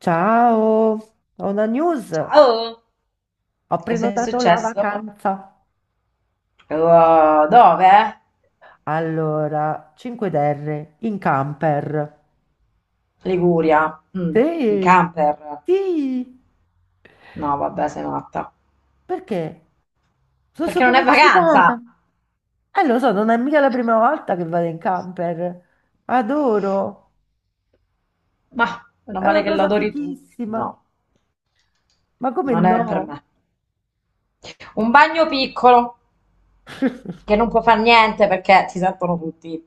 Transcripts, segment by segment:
Ciao, ho una news. Ciao, Ho cosa è prenotato la successo? vacanza. Dove? Allora, 5DR in camper. Liguria. Mm. In Sì, camper. sì, No, vabbè, sei matta. perché? Sono Perché non super è eccitata. vacanza? Lo so, non è mica la prima volta che vado in camper. Adoro, Ma, meno è una male che cosa l'adori tu. fichissima. No, Ma come non è per no? me. Un bagno piccolo, che non può far niente perché si sentono tutti.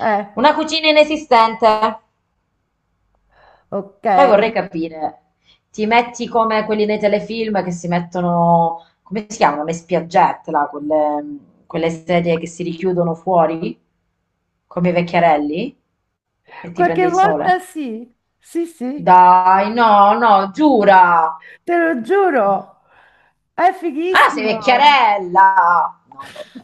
Eh, Una cucina inesistente. ok. Poi vorrei capire, ti metti come quelli nei telefilm che si mettono, come si chiamano, le spiaggette, là, quelle, quelle sedie che si richiudono fuori, come i vecchiarelli, e ti Qualche prendi il sole? volta sì, sì, sì. Dai, no, no, giura! Te lo giuro, è Ah, sei fighissimo. vecchiarella! No, vabbè.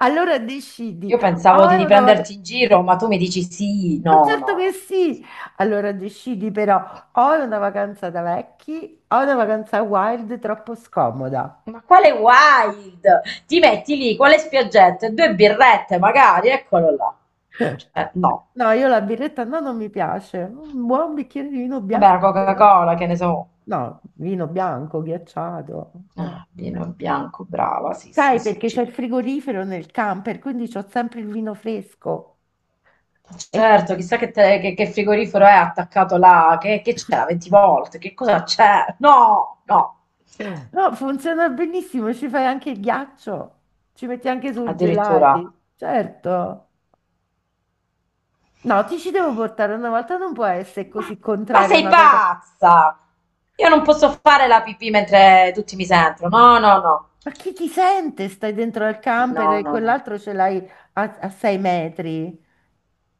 Allora decidi, Io pensavo o è di una vacanza, prenderti in giro, ma tu mi dici sì, ma no, no, certo che no. sì. Allora decidi però, o è una vacanza da vecchi, o è una vacanza wild troppo scomoda. Ma quale wild? Ti metti lì con le spiaggette, due birrette magari, eccolo là. Cioè, no. No, io la birretta no, non mi piace. Un buon bicchiere di vino Vabbè, bianco. la Coca-Cola, che ne so. No, vino bianco, ghiacciato. Ah, vino bianco, brava, sì, sì, Sai, sì. perché c'è il frigorifero nel camper, quindi c'ho sempre il vino fresco. E Certo, chissà che, che frigorifero è attaccato là, che c'è 20 volte, che cosa c'è? No, no, No, funziona benissimo, ci fai anche il ghiaccio, ci metti anche sul addirittura. gelati, certo. No, ti ci devo portare una volta, non può essere Ma, così ma contraria sei una cosa. pazza! Io non posso fare la pipì mentre tutti mi sentono. No, no, no. Ma chi ti sente? Stai dentro al camper No, e no, no. quell'altro ce l'hai a 6 metri.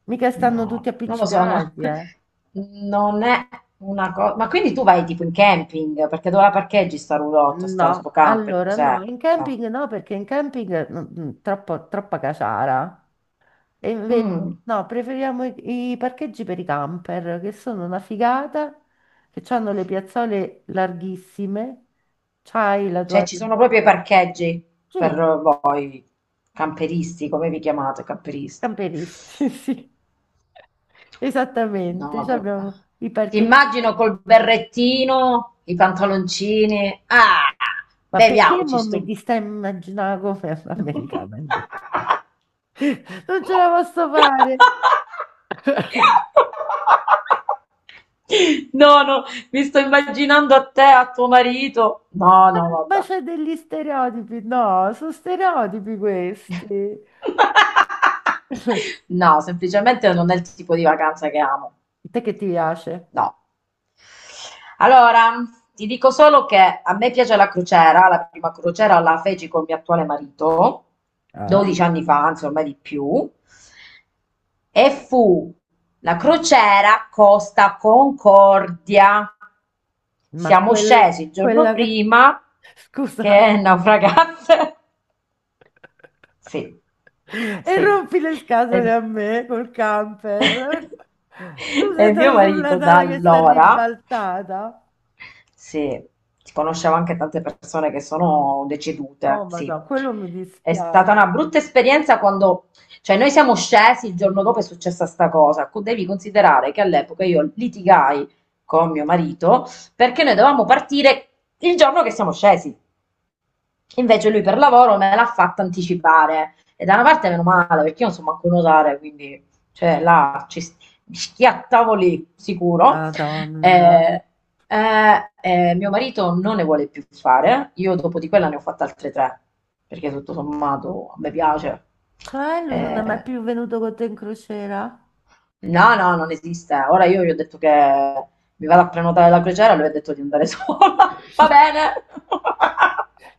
Mica stanno No, tutti non lo so, no. appiccicati, eh. Non è una cosa. Ma quindi tu vai tipo in camping? Perché dove la parcheggi sta roulotte, sta sto No, camper? allora no, Cos'è? in No. camping no, perché in camping troppa caciara. E invece, Mm. no, preferiamo i parcheggi per i camper, che sono una figata, che hanno le piazzole larghissime, c'hai la Cioè tua... ci sono proprio i parcheggi per Sì, voi, camperisti, come vi chiamate, camperisti? camperisti, sì, esattamente, No, cioè vabbè. abbiamo i Ti parcheggi per... immagino col berrettino, i pantaloncini. Ah, Ma perché beviamoci mo mi sto. ti stai immaginando come americana? Non ce la posso fare! No, no, mi sto immaginando a te, a tuo marito. No, no, Ma vabbè. c'è degli stereotipi? No, sono stereotipi questi. A No, semplicemente non è il tipo di vacanza che amo. te che ti piace? No. Allora, ti dico solo che a me piace la crociera, la prima crociera la feci col mio attuale marito Eh? 12 anni fa, anzi ormai di più, e fu la crociera Costa Concordia. Ma Siamo scesi il giorno quella che... prima Scusa. che naufragasse. Sì, E sì. rompi le scatole E, a me col camper. Tu sei e mio andato sulla marito da nave che sta allora. ribaltata. Sì, conoscevo anche tante persone che sono Oh, decedute, sì. madonna, quello mi È stata una dispiace. brutta esperienza quando, cioè noi siamo scesi, il giorno dopo è successa sta cosa. Devi considerare che all'epoca io litigai con mio marito perché noi dovevamo partire il giorno che siamo scesi. Invece lui per lavoro me l'ha fatta anticipare. E da una parte meno male, perché io non so manco nuotare, quindi cioè, là mi schiattavo lì, sicuro. Madonna. Eh, mio marito non ne vuole più fare. Io dopo di quella ne ho fatte altre tre, perché tutto sommato a me piace. Cioè, lui non è mai Eh, più venuto con te in crociera? No, no, non esiste. Ora io gli ho detto che mi vado a prenotare la crociera, lui ha detto di andare sola. Va bene.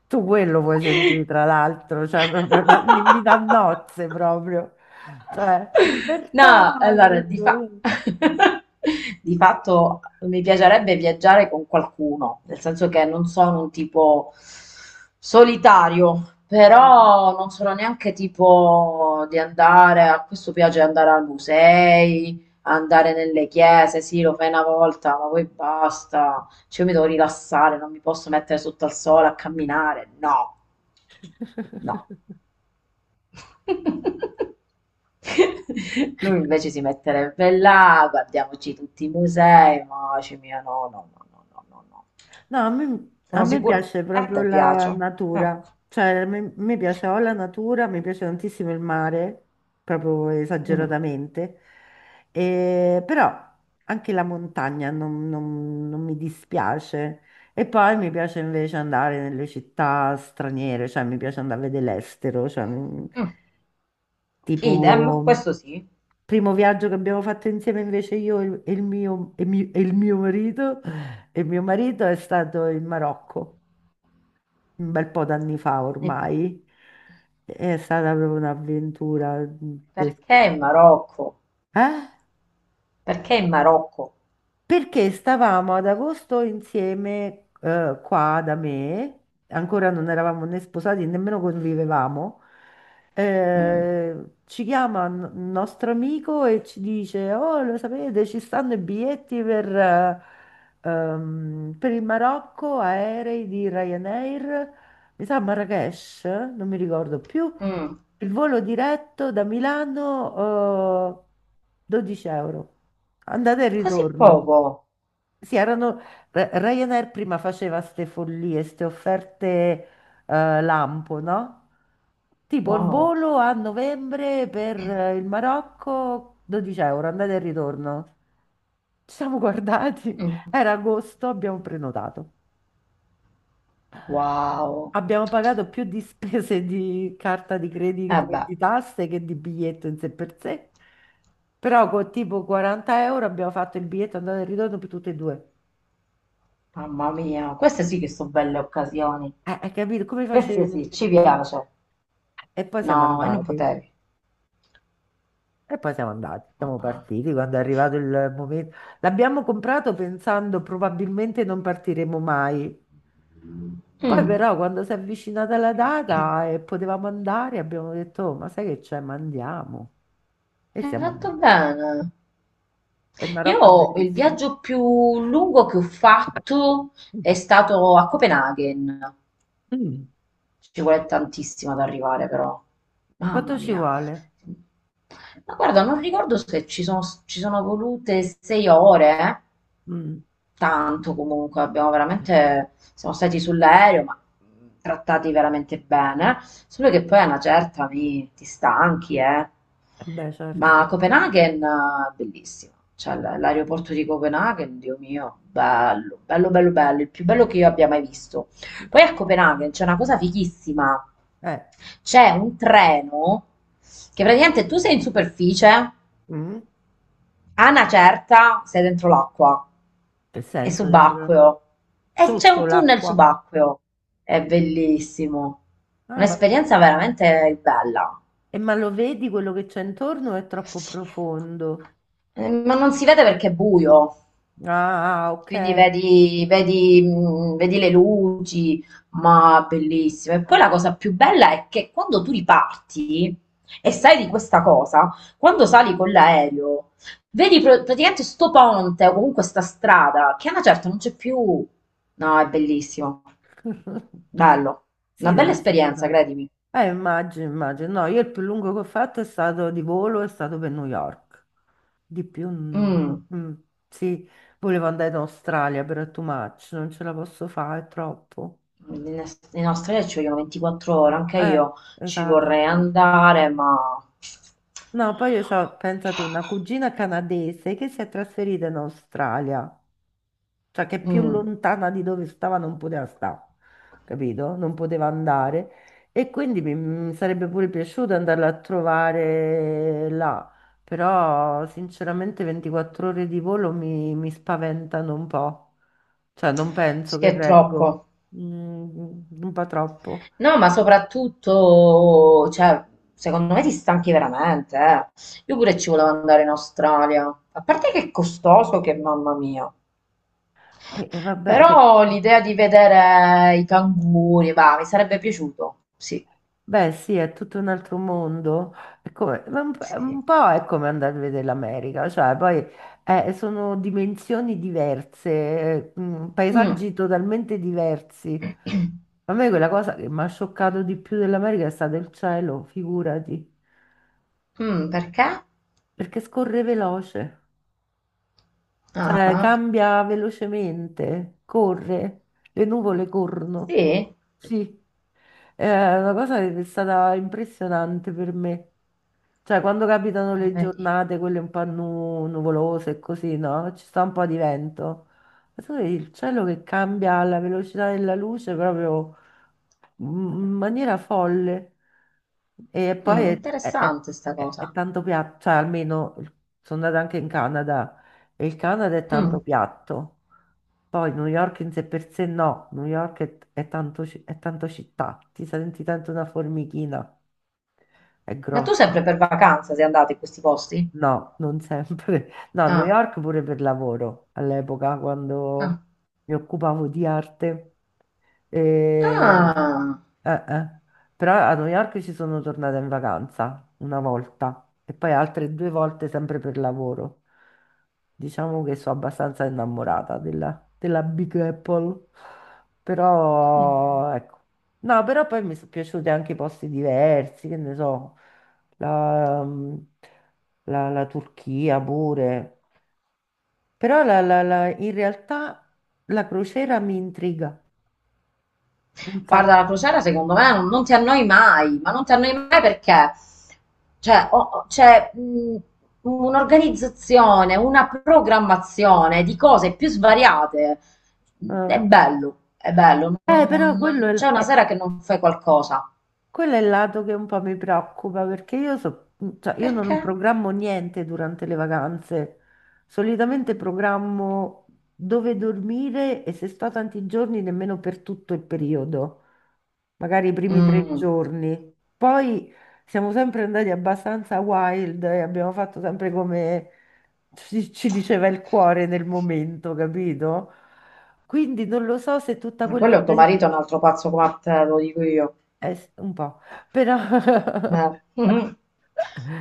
Tu quello puoi sentire, tra l'altro, cioè, proprio un invito a nozze proprio. Cioè, libertà, No, allora, capito? di fatto mi piacerebbe viaggiare con qualcuno, nel senso che non sono un tipo solitario, Eh. però non sono neanche tipo di andare, a questo piace andare ai musei, andare nelle chiese, sì, lo fai una volta, ma poi basta, cioè io mi devo rilassare, non mi posso mettere sotto al sole a camminare, no, no. Lui invece si metterebbe là, guardiamoci tutti i musei, ma dice mia no, no, no, no, no, no, no. No, a me, a Sono me sicura. piace E a proprio te la piace? Ecco. natura, cioè a me, mi piace o la natura, mi piace tantissimo il mare, proprio Mm. esageratamente. Però anche la montagna non mi dispiace. E poi mi piace invece andare nelle città straniere, cioè mi piace andare a vedere l'estero, cioè, Mm. tipo Idem, questo sì. primo viaggio che abbiamo fatto insieme invece io e il mio, e mio marito è stato in Marocco un bel po' d'anni fa E ormai. È stata proprio un'avventura. Perché in Marocco? Eh? Perché in Marocco? Perché stavamo ad agosto insieme qua da me, ancora non eravamo né sposati, nemmeno convivevamo. Mm. Ci chiama un nostro amico e ci dice: "Oh, lo sapete, ci stanno i biglietti per il Marocco, aerei di Ryanair, mi sa Marrakesh, non mi ricordo più. Mm. Il volo diretto da Milano, 12 euro, andata e Così ritorno." poco? Sì, erano, Ryanair prima faceva ste follie, ste offerte lampo, no? Tipo il Wow. volo a novembre per il Marocco, 12 euro, andata e ritorno. Ci siamo guardati, Mm. era agosto, abbiamo prenotato. Wow. Abbiamo pagato più di spese di carta di Eh credito e beh, di tasse che di biglietto in sé per sé, però con tipo 40 € abbiamo fatto il biglietto andata e ritorno per tutte e due. mamma mia, queste sì che sono belle occasioni. Hai capito? Come Queste facevi a sì, dire ci di no? piace. E poi siamo No, e non andati, potevi. e poi siamo andati, siamo Ah. partiti quando è arrivato il momento. L'abbiamo comprato pensando probabilmente non partiremo mai. Poi Mm, però quando si è avvicinata la data e potevamo andare, abbiamo detto: "Oh, ma sai che c'è, ma andiamo." E hai siamo fatto andati. bene. E il Marocco è Io il bellissimo. viaggio più lungo che ho fatto è stato a Copenaghen. Mm. Ci vuole tantissimo ad arrivare, però. Mamma Quanto ci mia. vuole? Ma guarda, non ricordo se ci sono volute sei ore, eh. Mm. Tanto comunque, siamo stati sull'aereo, ma trattati veramente bene, solo che poi a una certa ti stanchi, eh. Beh, Ma certo. Copenaghen, bellissima, cioè l'aeroporto di Copenaghen, Dio mio, bello, bello, bello, bello, il più bello che io abbia mai visto. Poi a Copenaghen c'è una cosa fighissima, Eh, c'è un treno che praticamente tu sei in superficie, mm. a una certa sei dentro l'acqua. Che È senso dentro? subacqueo. E c'è Sotto un tunnel l'acqua. subacqueo. È bellissimo. Ah, vabbè. Un'esperienza veramente bella. E ma lo vedi quello che c'è intorno o è troppo profondo? Ma non si vede perché è buio, Ah, ok. quindi vedi le luci, ma bellissimo. E poi la cosa più bella è che quando tu riparti e sai di questa cosa, quando sali con l'aereo, vedi praticamente sto ponte o comunque sta strada che a una certa non c'è più. No, è bellissimo. Bello, Sì, una deve bella essere esperienza, stata... credimi. Immagino, immagino. No, io il più lungo che ho fatto è stato di volo, è stato per New York. Di più, Mm, sì, volevo andare in Australia, però è too much, non ce la posso fare, è troppo. in Australia ci vogliono 24 ore, anche Eh, io ci vorrei esatto. andare, ma No, poi io ho pensato, una cugina canadese che si è trasferita in Australia. Cioè che più mm, lontana di dove stava non poteva stare, capito? Non poteva andare. E quindi mi sarebbe pure piaciuto andarla a trovare là, però sinceramente 24 ore di volo mi spaventano un po', cioè non sì, penso che è reggo. troppo. Mm, un po' troppo. No, ma soprattutto, cioè, secondo me ti stanchi veramente, eh. Io pure ci volevo andare in Australia, a parte che è costoso, che mamma mia. E vabbè, se... Però l'idea di vedere i canguri, va, mi sarebbe piaciuto. Sì, Beh, sì, è tutto un altro mondo. Ma un, po' sì. un po' è come andare a vedere l'America, cioè poi sono dimensioni diverse, Mm. paesaggi totalmente diversi. A me quella cosa che mi ha scioccato di più dell'America è stato il cielo, figurati, Mm, perché? perché scorre veloce, cioè Ah, cambia velocemente, corre, le nuvole corrono. sì? Sì, è una cosa che è stata impressionante per me. Cioè, quando capitano Ah, le vedi. giornate, quelle un po' nuvolose e così, no? Ci sta un po' di vento. Ma tu vedi il cielo che cambia alla velocità della luce proprio in maniera folle. E poi Mm, è, è- è- interessante sta è- è cosa. tanto piatto, cioè almeno sono andata anche in Canada e il Canada è Mm. tanto piatto. Poi New York in sé per sé no, New York è tanto città, ti senti tanto una formichina, è Ma tu grossa. sempre per vacanza sei andato in questi posti? No, non sempre. No, a New Ah, York pure per lavoro all'epoca, quando ah. mi occupavo di arte. E... Ah. eh, eh. Però a New York ci sono tornata in vacanza una volta e poi altre due volte sempre per lavoro. Diciamo che sono abbastanza innamorata della Big Apple. Mm. Però, ecco. No, però poi mi sono piaciuti anche i posti diversi, che ne so. La, la Turchia pure, però in realtà la crociera mi intriga un Guarda, sacco. la crociera secondo me non ti annoi mai, ma non ti annoi mai perché cioè, c'è un'organizzazione, una programmazione di cose più svariate. Eh, È bello, però non, non- quello non c'è una è- sera che non fai qualcosa. Quello è il lato che un po' mi preoccupa perché io, cioè, io Perché? non programmo niente durante le vacanze. Solitamente programmo dove dormire e se sto tanti giorni nemmeno per tutto il periodo, magari i primi tre Mm, giorni. Poi siamo sempre andati abbastanza wild e abbiamo fatto sempre come ci diceva il cuore nel momento, capito? Quindi non lo so se tutta ma quella quello è tuo marito, è un altro pazzo come te, te lo dico io. Un po', però... Mhm.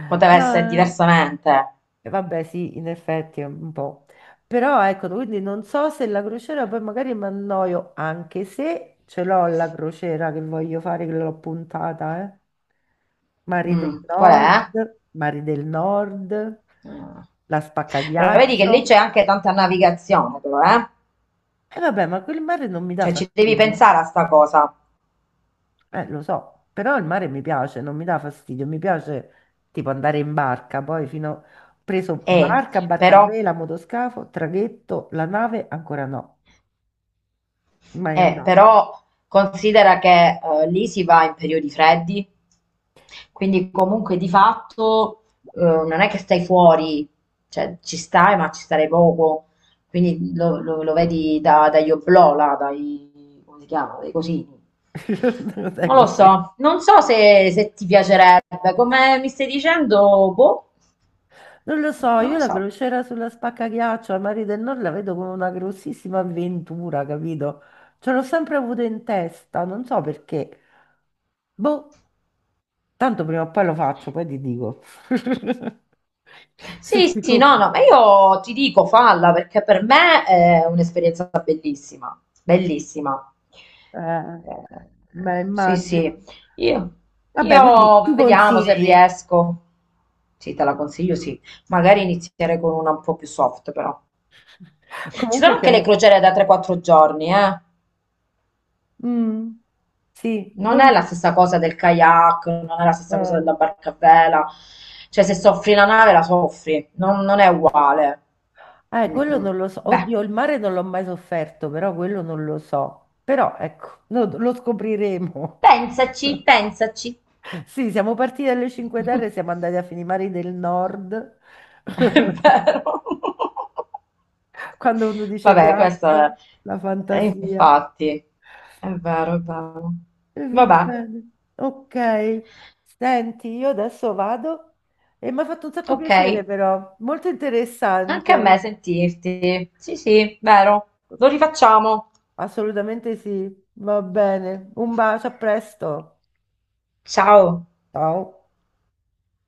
Poteva essere No, diversamente. Vabbè, sì, in effetti è un po'. Però ecco, quindi non so se la crociera poi magari mi annoio, anche se ce l'ho la crociera che voglio fare, che l'ho puntata, eh. Mari del Mm, qual Nord, è? Mari del Nord, la Eh. Però vedi che Spaccaghiaccio. lì c'è anche tanta navigazione, però, eh? E vabbè, ma quel mare non mi dà Cioè ci devi fastidio. pensare a sta cosa. Lo so, però il mare mi piace, non mi dà fastidio, mi piace tipo andare in barca, poi fino... Ho preso E barca, barca a però vela, motoscafo, traghetto, la nave, ancora no, mai Eh, andata. però considera che lì si va in periodi freddi, quindi comunque di fatto non è che stai fuori, cioè ci stai, ma ci starei poco. Quindi lo vedi dagli oblò, là, dai, come si chiama, dai cosini. Non è Non lo così. so, non so se ti piacerebbe, come mi stai dicendo, boh, Non lo so, non io lo la so. crociera sulla Spaccaghiaccio al Mare del Nord la vedo come una grossissima avventura, capito? Ce l'ho sempre avuto in testa, non so perché. Boh, tanto prima o poi lo faccio, poi ti dico. Sono Sì, sì, sicura. no, no, ma io ti dico falla perché per me è un'esperienza bellissima, bellissima. Eh, beh, Sì, immagino. sì, io, Vabbè, quindi io tu vediamo se consigli. riesco. Sì, te la consiglio, sì. Magari iniziare con una un po' più soft, però. Ci sono Comunque anche le siamo... crociere da 3-4 giorni, eh. Mm, sì, Non non... è la stessa cosa del kayak, non è la stessa cosa eh. della barca a vela. Cioè, se soffri la nave, la soffri. Non è uguale. Quello Mm-mm. non lo so. Beh, Oddio, il mare non l'ho mai sofferto, però quello non lo so. Però ecco, lo scopriremo. pensaci, pensaci. Sì, siamo partiti dalle Cinque Terre, siamo andati a Finimari del Nord. È vero. Quando uno dice Vabbè, questo è... viaggia, la è fantasia. infatti. È vero, è vero. E va Vabbè, bene. Ok, senti, io adesso vado e mi ha fatto un sacco ok. piacere però, molto Anche a me interessante. sentirti. Sì, sì, vero. Lo rifacciamo. Assolutamente sì, va bene. Un bacio, a presto. Ciao. Ciao.